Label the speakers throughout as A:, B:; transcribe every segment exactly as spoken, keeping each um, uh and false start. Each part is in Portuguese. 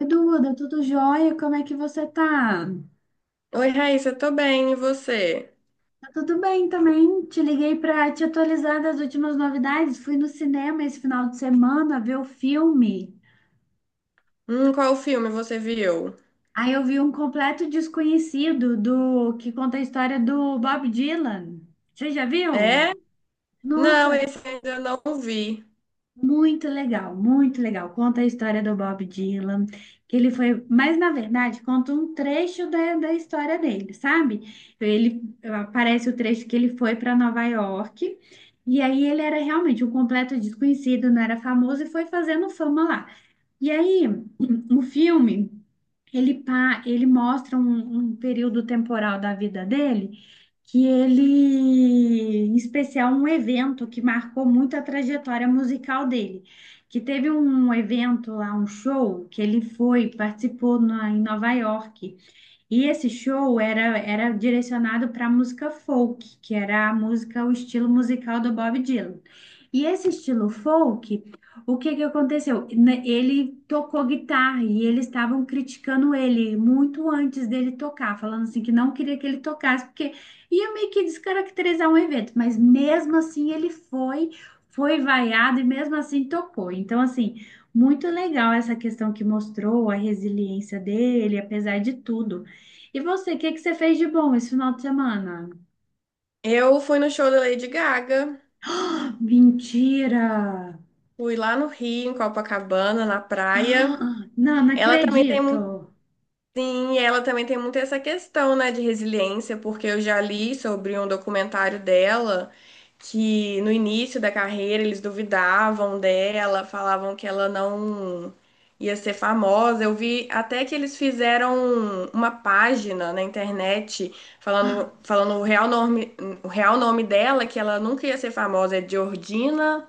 A: Duda, tudo jóia? Como é que você tá?
B: Oi, Raíssa, tô bem, e você?
A: Tá tudo bem também. Te liguei para te atualizar das últimas novidades. Fui no cinema esse final de semana ver o filme.
B: Hum, qual filme você viu?
A: Aí eu vi um completo desconhecido do que conta a história do Bob Dylan. Você já viu?
B: É? Não,
A: Nossa,
B: esse ainda não vi.
A: muito legal, muito legal. Conta a história do Bob Dylan, que ele foi, mas na verdade conta um trecho da, da história dele, sabe? Ele aparece o trecho que ele foi para Nova York, e aí ele era realmente um completo desconhecido, não era famoso e foi fazendo fama lá. E aí, o filme ele, pa- ele mostra um, um período temporal da vida dele, que ele, em especial, um evento que marcou muito a trajetória musical dele. Que teve um evento lá, um show, que ele foi, participou na- em Nova York. E esse show era, era direcionado para música folk, que era a música, o estilo musical do Bob Dylan. E esse estilo folk, o que que aconteceu? Ne- Ele tocou guitarra e eles estavam criticando ele muito antes dele tocar, falando assim que não queria que ele tocasse, porque ia meio que descaracterizar um evento, mas mesmo assim ele foi, foi vaiado e mesmo assim tocou. Então, assim, muito legal essa questão que mostrou a resiliência dele, apesar de tudo. E você, o que que você fez de bom esse final de semana?
B: Eu fui no show da Lady Gaga,
A: Ah, mentira!
B: fui lá no Rio, em Copacabana, na praia.
A: Ah, não, não
B: Ela também tem
A: acredito.
B: Sim, e ela também tem muito essa questão, né, de resiliência, porque eu já li sobre um documentário dela que no início da carreira eles duvidavam dela, falavam que ela não ia ser famosa. Eu vi até que eles fizeram uma página na internet falando,
A: Ah,
B: falando o real nome, o real nome dela, que ela nunca ia ser famosa, é Georgina,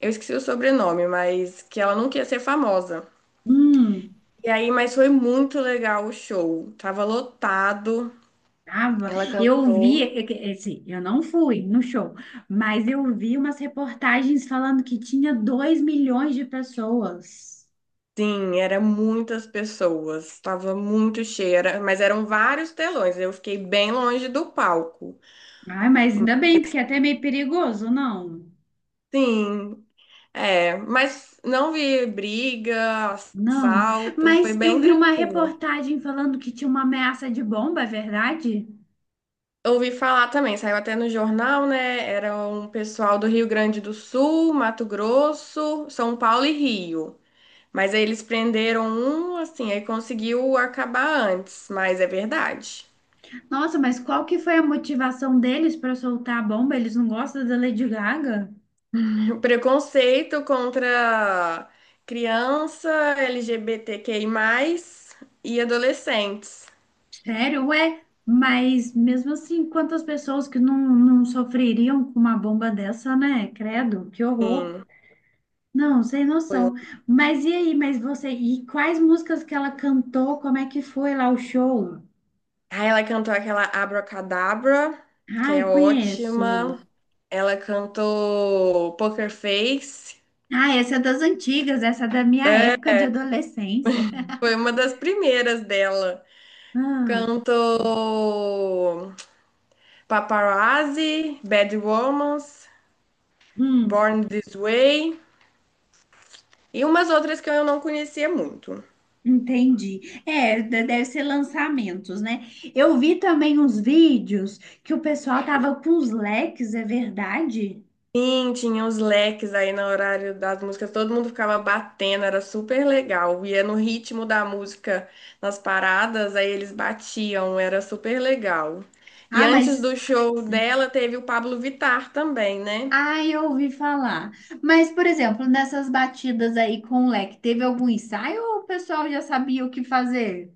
B: eu esqueci o sobrenome, mas que ela nunca ia ser famosa.
A: hum,
B: E aí, mas foi muito legal o show. Tava lotado.
A: tava.
B: Ela
A: Eu vi,
B: cantou.
A: é que- é, assim, eu não fui no show, mas eu vi umas reportagens falando que tinha dois milhões de pessoas.
B: Sim, era muitas pessoas. Tava muito cheia, era- mas eram vários telões. Eu fiquei bem longe do palco.
A: Ai, mas ainda bem, porque é até meio perigoso, não?
B: Sim, é, mas não vi briga,
A: Não,
B: assalto, foi
A: mas eu
B: bem
A: vi uma
B: tranquilo.
A: reportagem falando que tinha uma ameaça de bomba, é verdade?
B: Ouvi falar também, saiu até no jornal, né? Era um pessoal do Rio Grande do Sul, Mato Grosso, São Paulo e Rio. Mas aí eles prenderam um, assim, aí conseguiu acabar antes, mas é verdade.
A: Nossa, mas qual que foi a motivação deles para soltar a bomba? Eles não gostam da Lady Gaga?
B: Preconceito contra criança, L G B T Q I mais, e adolescentes.
A: Sério? Ué, mas mesmo assim, quantas pessoas que não, não sofreriam com uma bomba dessa, né? Credo, que horror.
B: Sim,
A: Não, sem
B: foi um...
A: noção. Mas e aí, mas você, e quais músicas que ela cantou? Como é que foi lá o show?
B: Aí ela cantou aquela Abracadabra, que
A: Ai,
B: é ótima.
A: conheço.
B: Ela cantou Poker Face,
A: Ah, essa é das antigas, essa é da minha época de adolescência.
B: foi uma das primeiras dela.
A: Ah,
B: Cantou Paparazzi, Bad Romance.
A: hum.
B: Born This Way e umas outras que eu não conhecia muito.
A: Entendi. É, de- deve ser lançamentos, né? Eu vi também uns vídeos que o pessoal tava com os leques, é verdade?
B: Sim, tinha os leques aí no horário das músicas, todo mundo ficava batendo, era super legal. Ia no ritmo da música nas paradas, aí eles batiam, era super legal. E
A: Ah,
B: antes
A: mas.
B: do show dela teve o Pablo Vittar também, né?
A: Ah, eu ouvi falar. Mas, por exemplo, nessas batidas aí com o leque, teve algum ensaio ou o pessoal já sabia o que fazer?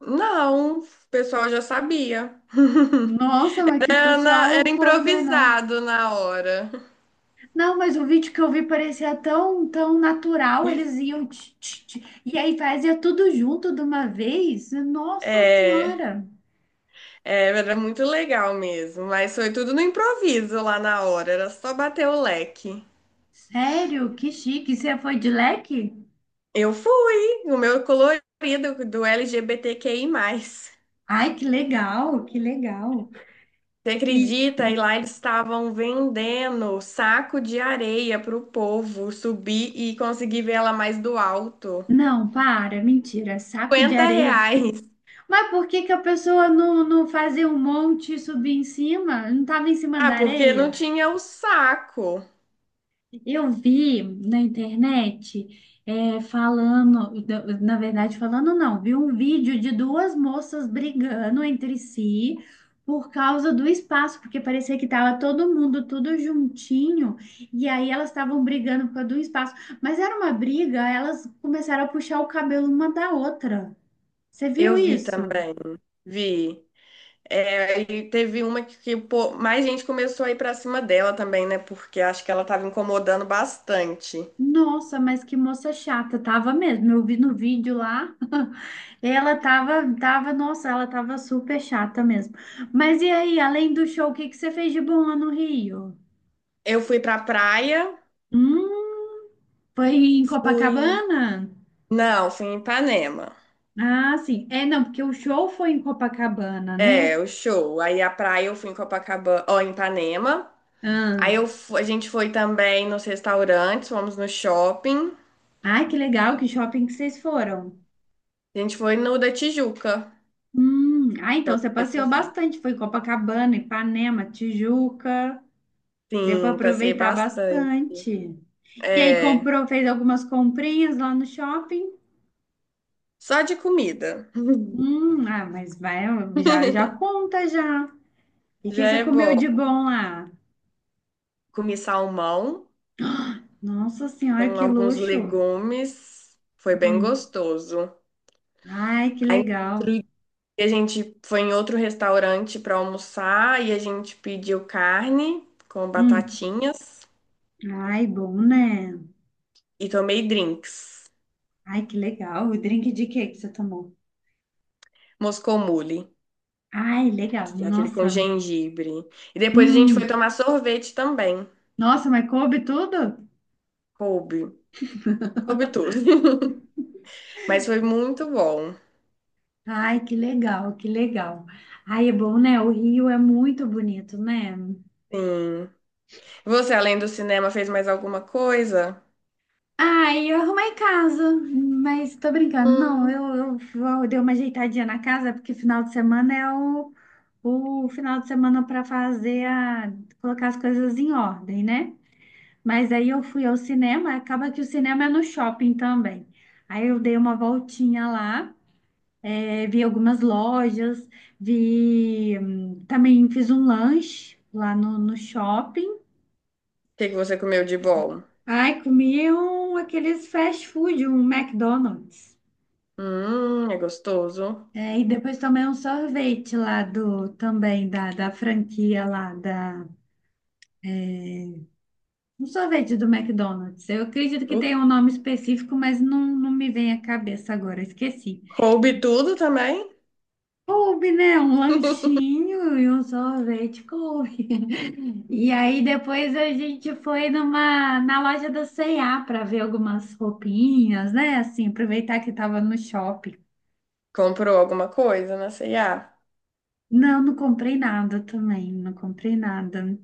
B: Não, o pessoal já sabia.
A: Nossa, mas que
B: Era, na-
A: pessoal
B: era
A: coordenado.
B: improvisado na hora.
A: Não, mas o vídeo que eu vi parecia tão, tão natural, eles iam tch, tch, tch, e aí fazia tudo junto de uma vez. Nossa
B: É.
A: Senhora!
B: É, era muito legal mesmo, mas foi tudo no improviso lá na hora, era só bater o leque.
A: Sério? Que chique. Você foi de leque?
B: Eu fui, o meu colorido do L G B T Q I mais.
A: Ai, que legal, que legal.
B: Você
A: E
B: acredita? E lá eles estavam vendendo saco de areia pro povo subir e conseguir ver ela mais do alto.
A: não, para, mentira, saco de
B: 50
A: areia.
B: reais.
A: Mas por que que a pessoa não, não fazia um monte e subir em cima? Não estava em cima
B: Ah,
A: da
B: porque não
A: areia?
B: tinha o saco.
A: Eu vi na internet é, falando, na verdade, falando não, vi um vídeo de duas moças brigando entre si por causa do espaço, porque parecia que estava todo mundo tudo juntinho, e aí elas estavam brigando por causa do espaço. Mas era uma briga, elas começaram a puxar o cabelo uma da outra. Você
B: Eu
A: viu
B: vi
A: isso?
B: também, vi. É, e teve uma que, que, pô, mais gente começou a ir pra cima dela também, né? Porque acho que ela tava incomodando bastante.
A: Nossa, mas que moça chata, tava mesmo. Eu vi no vídeo lá, ela tava, tava, nossa, ela tava super chata mesmo. Mas e aí, além do show, o que que você fez de bom lá no Rio?
B: Eu fui pra praia,
A: Hum, foi em
B: fui.
A: Copacabana?
B: Não, fui em Ipanema.
A: Ah, sim. É, não, porque o show foi em Copacabana, né?
B: É, o show. Aí a praia eu fui em Copacabana, ó, em Ipanema.
A: Ah.
B: Aí eu, fu- a gente foi também nos restaurantes, fomos no shopping.
A: Ai, que legal, que shopping que vocês foram.
B: A gente foi no da Tijuca.
A: Hum, ah, então você
B: Da
A: passeou
B: Tijuca.
A: bastante, foi em Copacabana, Ipanema, Tijuca. Deu para
B: Sim, passei
A: aproveitar
B: bastante.
A: bastante. E aí
B: É,
A: comprou, fez algumas comprinhas lá no shopping.
B: só de comida.
A: Hum, ah, mas vai, já, já conta já. E que
B: Já
A: você
B: é bom.
A: comeu de bom lá?
B: Comi salmão
A: Nossa senhora,
B: com
A: que
B: alguns
A: luxo.
B: legumes. Foi bem
A: Hum,
B: gostoso.
A: ai, que
B: Aí, no
A: legal.
B: outro dia, a gente foi em outro restaurante para almoçar e a gente pediu carne com
A: Hum,
B: batatinhas
A: ai, bom, né?
B: e tomei drinks.
A: Ai, que legal. O drink de quê que você tomou?
B: Moscou Mule,
A: Ai, legal.
B: que é aquele com
A: Nossa.
B: gengibre. E depois a gente foi
A: Hum,
B: tomar sorvete também.
A: nossa, mas coube tudo?
B: Coube. Coube tudo. Mas foi muito bom.
A: Ai, que legal, que legal. Ai, é bom, né? O Rio é muito bonito, né?
B: Sim. Você, além do cinema, fez mais alguma coisa?
A: Ai, eu arrumei casa, mas tô brincando. Não, eu,
B: Hum.
A: eu vou- dei uma ajeitadinha na casa, porque final de semana é o, o final de semana para fazer a, colocar as coisas em ordem, né? Mas aí eu fui ao cinema, acaba que o cinema é no shopping também. Aí eu dei uma voltinha lá, eh, vi algumas lojas, vi, hum, também fiz um lanche lá no, no shopping.
B: O que que você comeu de bom?
A: Ai, comi um, aqueles fast food, um McDonald's.
B: Hum, é gostoso.
A: É, e depois tomei um sorvete lá do, também da, da franquia lá da, um sorvete do McDonald's. Eu acredito que
B: Uh,
A: tem um nome específico, mas não, não me vem à cabeça agora, esqueci.
B: Coube tudo também.
A: Coube, né? Um lanchinho e um sorvete, coube. E aí depois a gente foi numa, na loja da C e A para ver algumas roupinhas, né? Assim, aproveitar que estava no shopping.
B: Comprou alguma coisa na C e A?
A: Não, não comprei nada também, não comprei nada.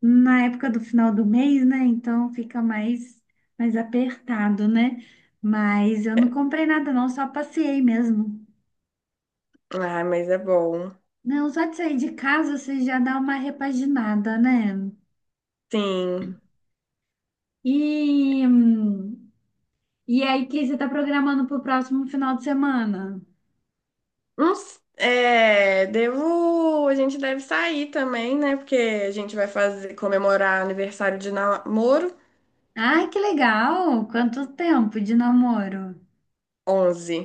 A: Na época do final do mês, né? Então fica mais, mais apertado, né? Mas eu não comprei nada, não, só passeei mesmo.
B: Ah, mas é bom.
A: Não, só de sair de casa você já dá uma repaginada, né?
B: Sim.
A: E, hum, e aí, o que você está programando para o próximo final de semana?
B: Uns- é, devo. A gente deve sair também, né? Porque a gente vai fazer comemorar aniversário de namoro
A: Ai, que legal! Quanto tempo de namoro?
B: onze.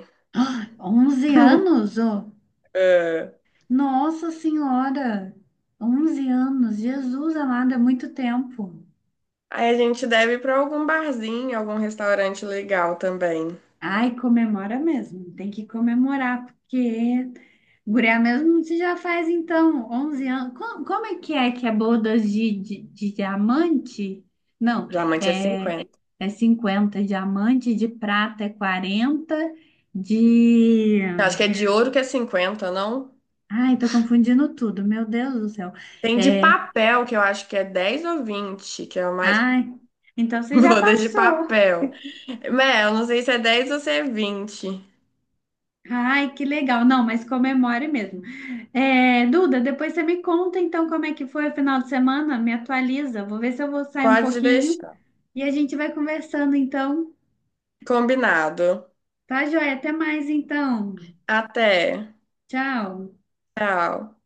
A: Ah, onze anos? Ô!
B: É.
A: Nossa Senhora! Onze anos! Jesus amado, é muito tempo.
B: Aí a gente deve ir pra algum barzinho, algum restaurante legal também.
A: Ai, comemora mesmo. Tem que comemorar, porque guria mesmo você já faz então onze anos. Como, como é que é que é bodas de, de, de diamante? Não,
B: Diamante é
A: é,
B: cinquenta.
A: é cinquenta diamante, de prata é quarenta de...
B: Eu acho que é de ouro que é cinquenta, não?
A: Ai, tô confundindo tudo, meu Deus do céu.
B: Tem de
A: É,
B: papel, que eu acho que é dez ou vinte que é o mais.
A: ai, então você já
B: Boda de
A: passou.
B: papel. Mel, eu não sei se é dez ou se é vinte.
A: Ai, que legal. Não, mas comemore mesmo. É, Duda, depois você me conta então como é que foi o final de semana, me atualiza. Vou ver se eu vou sair um
B: Pode
A: pouquinho
B: deixar.
A: e a gente vai conversando então.
B: Combinado.
A: Tá, joia? Até mais então.
B: Até.
A: Tchau.
B: Tchau.